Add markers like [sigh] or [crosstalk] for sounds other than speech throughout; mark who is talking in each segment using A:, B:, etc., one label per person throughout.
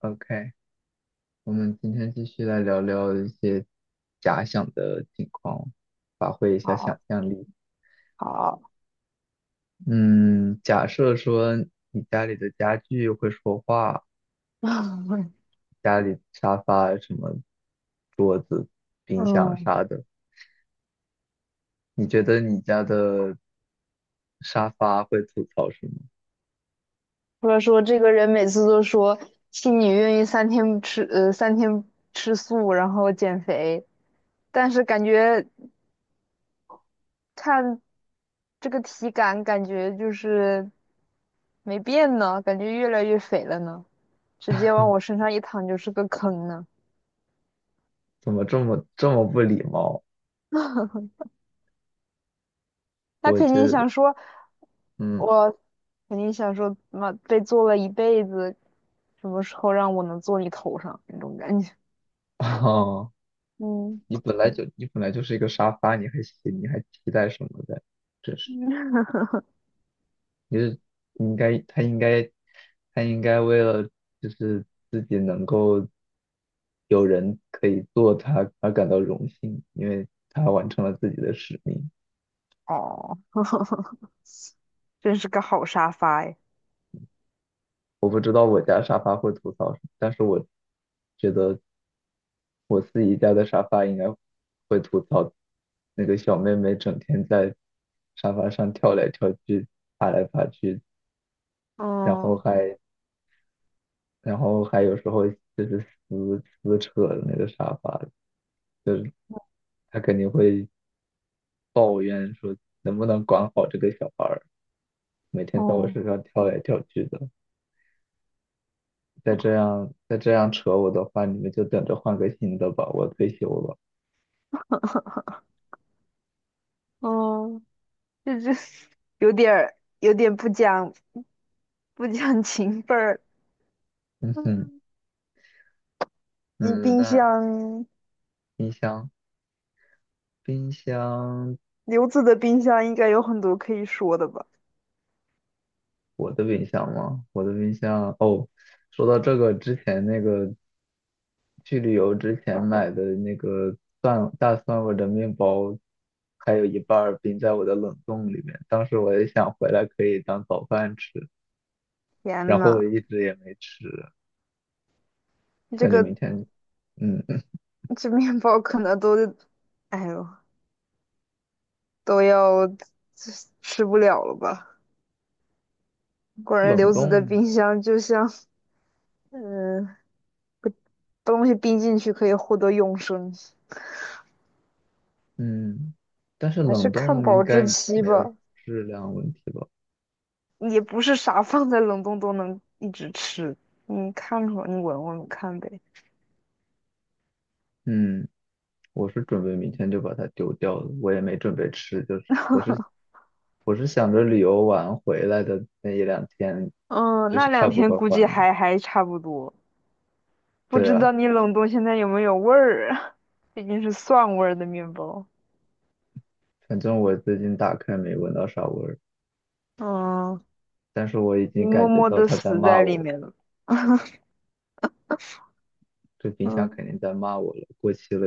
A: OK，我们今天继续来聊聊一些假想的情况，发挥一下想
B: 好
A: 象力。
B: 好，
A: 嗯，假设说你家里的家具会说话，
B: [laughs]
A: 家里沙发、什么桌子、冰箱
B: 嗯，
A: 啥的，你觉得你家的沙发会吐槽什么？
B: 或者说这个人每次都说 x i 你愿意三天吃素，然后减肥，但是感觉看这个体感，感觉就是没变呢，感觉越来越肥了呢，直接往我身上一躺就是个坑呢。
A: 怎么这么不礼貌？
B: [laughs] 他
A: 我
B: 肯定
A: 这，
B: 想说，
A: 嗯，
B: 我肯定想说，妈被做了一辈子，什么时候让我能坐你头上那种感觉。
A: [laughs] 哦，
B: [laughs] 嗯。
A: 你本来就是一个沙发，你还你还期待什么的？真是。就是应该他应该他应该为了就是自己能够有人可以做他而感到荣幸，因为他完成了自己的使命。
B: 哦，[laughs] 真是个好沙发哎。
A: 我不知道我家沙发会吐槽什么，但是我觉得我自己家的沙发应该会吐槽那个小妹妹整天在沙发上跳来跳去、爬来爬去，然后
B: 嗯。
A: 还然后还有时候就是撕扯那个沙发，就是他肯定会抱怨说能不能管好这个小孩儿，每天在我
B: 哦。
A: 身上跳来跳去的，再这样扯我的话，你们就等着换个新的吧，我退休了。
B: 哦，这 [laughs]，有点不讲情分儿。
A: 嗯
B: 嗯。你
A: 嗯，
B: 冰
A: 那
B: 箱，
A: 冰箱冰箱，
B: 刘子的冰箱应该有很多可以说的吧？
A: 我的冰箱吗？我的冰箱,说到这个之前那个去旅游之前买的那个大蒜味的面包。还有一半儿冰在我的冷冻里面，当时我也想回来可以当早饭吃，然
B: 天
A: 后
B: 呐，
A: 我一直也没吃，
B: 这
A: 感觉
B: 个
A: 明天，嗯，嗯
B: 这面包可能都，哎呦，都要吃不了了吧？果然
A: 冷
B: 刘子的
A: 冻，
B: 冰箱就像，嗯，东西冰进去可以获得永生。
A: 嗯，但是
B: 还是
A: 冷
B: 看
A: 冻
B: 保
A: 应该
B: 质期
A: 没有
B: 吧，
A: 质量问题吧？
B: 也不是啥放在冷冻都能一直吃。你看看，你闻闻看呗。
A: 嗯，我是准备明天就把它丢掉了，我也没准备吃，就是我是我是想着旅游完回来的那一两天，
B: 嗯，
A: 就
B: 那
A: 是它
B: 两
A: 不
B: 天
A: 会
B: 估
A: 坏
B: 计
A: 嘛。
B: 还差不多，不
A: 对
B: 知
A: 啊，
B: 道你冷冻现在有没有味儿啊？[laughs] 毕竟是蒜味儿的面包。
A: 反正我最近打开没闻到啥味儿，
B: 嗯，
A: 但是我已
B: 你
A: 经
B: 默
A: 感觉
B: 默
A: 到
B: 的
A: 它在
B: 死
A: 骂
B: 在
A: 我
B: 里
A: 了，
B: 面了。[laughs]
A: 这冰箱肯定
B: 嗯。
A: 在骂我了，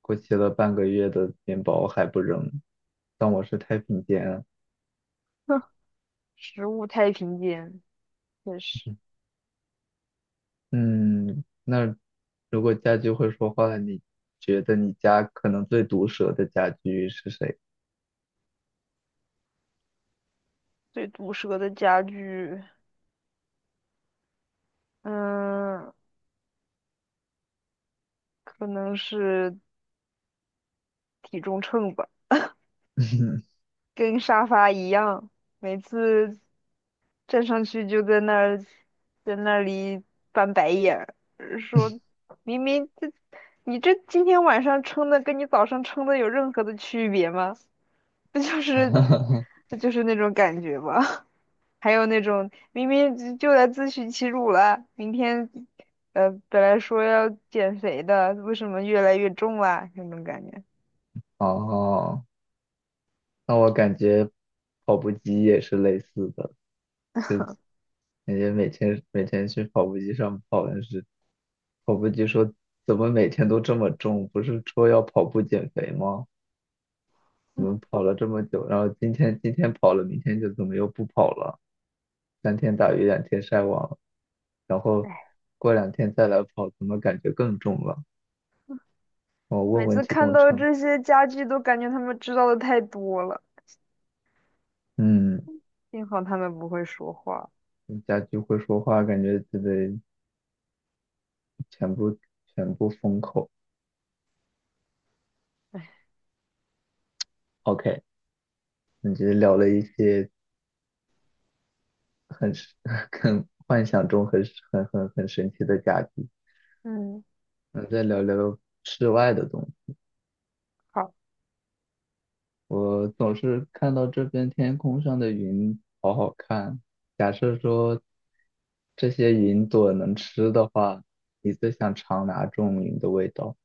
A: 过期了半个月的面包还不扔，当我是太平间啊。
B: [laughs] 食物太平间，也是
A: 嗯，那如果家具会说话，你觉得你家可能最毒舌的家具是谁？
B: 最毒舌的家具。嗯，可能是体重秤吧。
A: [laughs]
B: 跟沙发一样，每次站上去就在那儿，在那里翻白眼儿，说明明这你这今天晚上称的跟你早上称的有任何的区别吗？不就
A: 哈
B: 是
A: 哈，
B: 这就是那种感觉吗？[laughs] 还有那种明明就来自取其辱了，明天本来说要减肥的，为什么越来越重啦？那种感觉，
A: 哦，那我感觉跑步机也是类似的，感觉每天去跑步机上跑，但是跑步机说怎么每天都这么重？不是说要跑步减肥吗？怎么跑了这么久，然后今天跑了，明天就怎么又不跑了？三天打鱼两天晒网，然后过两天再来跑，怎么感觉更重了？我
B: 每
A: 问问
B: 次
A: 体
B: 看
A: 重
B: 到
A: 秤，
B: 这些家具都感觉他们知道的太多了。
A: 嗯，
B: 幸好他们不会说话。
A: 家居会说话，感觉自己全部全部封口。OK,你这聊了一些很神 [laughs] 很幻想中很很神奇的家居，
B: 嗯。
A: 那再聊聊室外的东西。
B: 好。
A: 我总是看到这边天空上的云好好看。假设说这些云朵能吃的话，你最想尝哪种云的味道？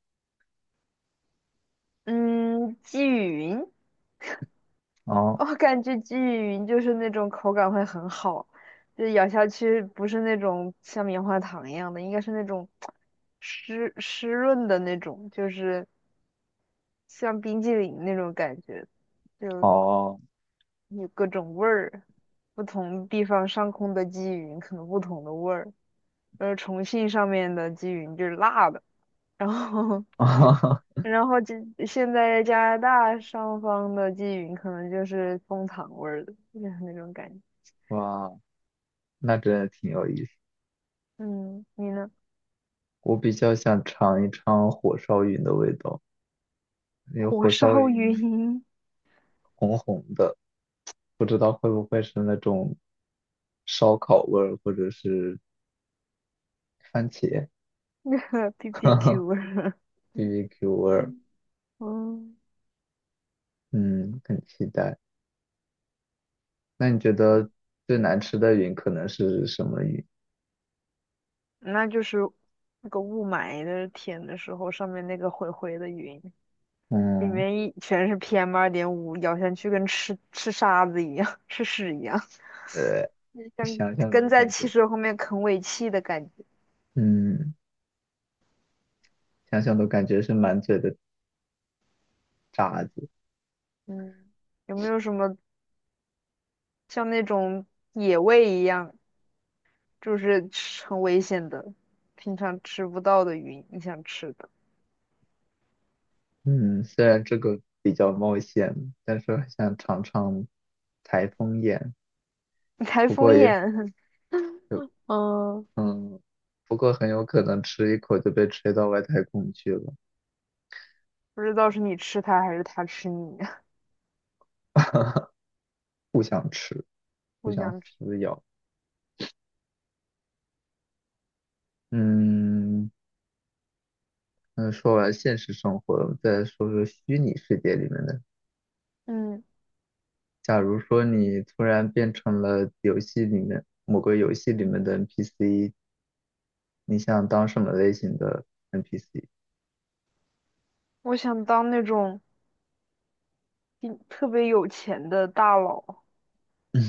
B: 嗯，鲫鱼云。
A: 哦
B: 我感觉鲫鱼云就是那种口感会很好，就咬下去不是那种像棉花糖一样的，应该是那种湿湿润的那种，就是像冰激凌那种感觉，就
A: 哦，
B: 有各种味儿，不同地方上空的鲫鱼云可能不同的味儿，重庆上面的鲫鱼云就是辣的，然后
A: [laughs]
B: 然后现在加拿大上方的鲫云可能就是枫糖味儿的，就是那种感觉。
A: 哇，那真的挺有意思。
B: 嗯，你呢？
A: 我比较想尝一尝火烧云的味道，因为
B: 火
A: 火烧
B: 烧
A: 云
B: 云
A: 红红的，不知道会不会是那种烧烤味儿，或者是番茄 [laughs] 哈
B: ，PPQ [laughs]
A: 哈
B: 味儿。
A: BBQ [laughs] 味
B: [laughs]
A: 儿。
B: 嗯，
A: 嗯，很期待。那你觉得最难吃的云可能是什么云？
B: 那就是那个雾霾的天的时候，上面那个灰灰的云，里
A: 嗯，
B: 面一全是 PM2.5，咬下去跟吃沙子一样，[laughs] 吃屎一样，
A: 呃，
B: 像
A: 想想
B: 跟
A: 都
B: 在
A: 感觉，
B: 汽车后面啃尾气的感觉。
A: 嗯，想想都感觉是满嘴的渣子。
B: 嗯，有没有什么像那种野味一样？就是吃很危险的，平常吃不到的鱼，你想吃的。
A: 嗯，虽然这个比较冒险，但是很想尝尝台风眼。
B: 台
A: 不
B: 风
A: 过也
B: 眼。[laughs]
A: 有，
B: 嗯，
A: 嗯，不过很有可能吃一口就被吹到外太空去了。
B: 不知道是你吃它还是它吃你。[laughs]
A: [laughs] 不想吃，不
B: 我
A: 想
B: 想吃。
A: 撕咬。嗯，那说完现实生活，我们再说说虚拟世界里面的。
B: 嗯，
A: 假如说你突然变成了游戏里面的 NPC,你想当什么类型的 NPC?
B: 我想当那种一特别有钱的大佬，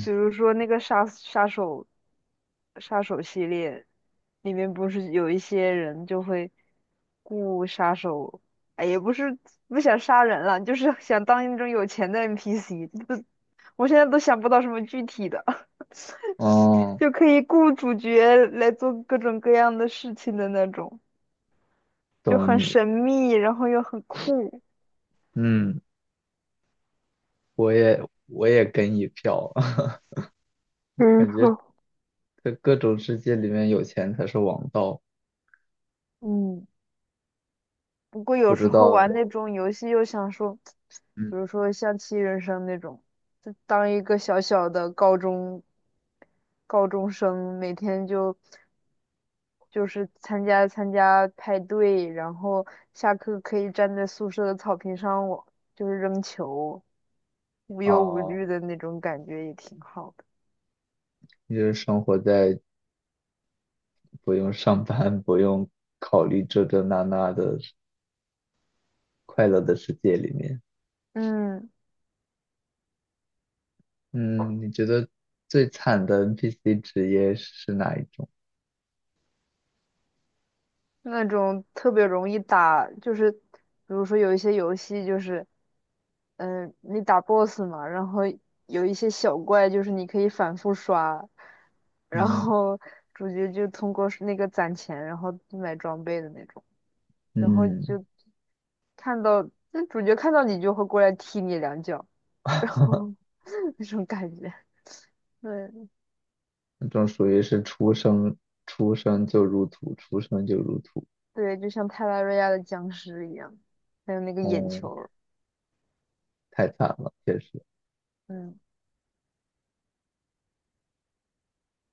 B: 比如说那个杀手，杀手系列里面不是有一些人就会雇杀手，哎，也不是不想杀人了，就是想当那种有钱的 NPC。不，[laughs] 我现在都想不到什么具体的。
A: [laughs] 哦，
B: 就可以雇主角来做各种各样的事情的那种，就
A: 懂
B: 很
A: 你。
B: 神秘，然后又很酷。
A: 嗯，我也我也跟一票，[laughs]
B: 没
A: 感觉
B: 错。
A: 在各种世界里面有钱才是王道。
B: 嗯，不过有
A: 不知
B: 时候
A: 道，
B: 玩那种游戏又想说，
A: 嗯
B: 比如说像《七人生》那种，就当一个小小的高中生，每天就就是参加派对，然后下课可以站在宿舍的草坪上，我就是扔球，无忧无
A: 啊，
B: 虑的那种感觉也挺好。的。
A: 就是生活在不用上班、不用考虑这那的快乐的世界里面。
B: 嗯，
A: 嗯，你觉得最惨的 NPC 职业是哪一种？
B: 那种特别容易打，就是比如说有一些游戏就是，嗯、你打 BOSS 嘛，然后有一些小怪就是你可以反复刷，然
A: 嗯
B: 后主角就通过是那个攒钱，然后买装备的那种，然后
A: 嗯，
B: 就看到那主角看到你就会过来踢你两脚，然
A: [laughs]
B: 后 [laughs] 那种感觉，对，
A: 那种属于是出生就入土，出生就入土，
B: 对，就像泰拉瑞亚的僵尸一样，还有那个眼
A: 嗯，
B: 球。
A: 太惨了，确实。
B: 嗯。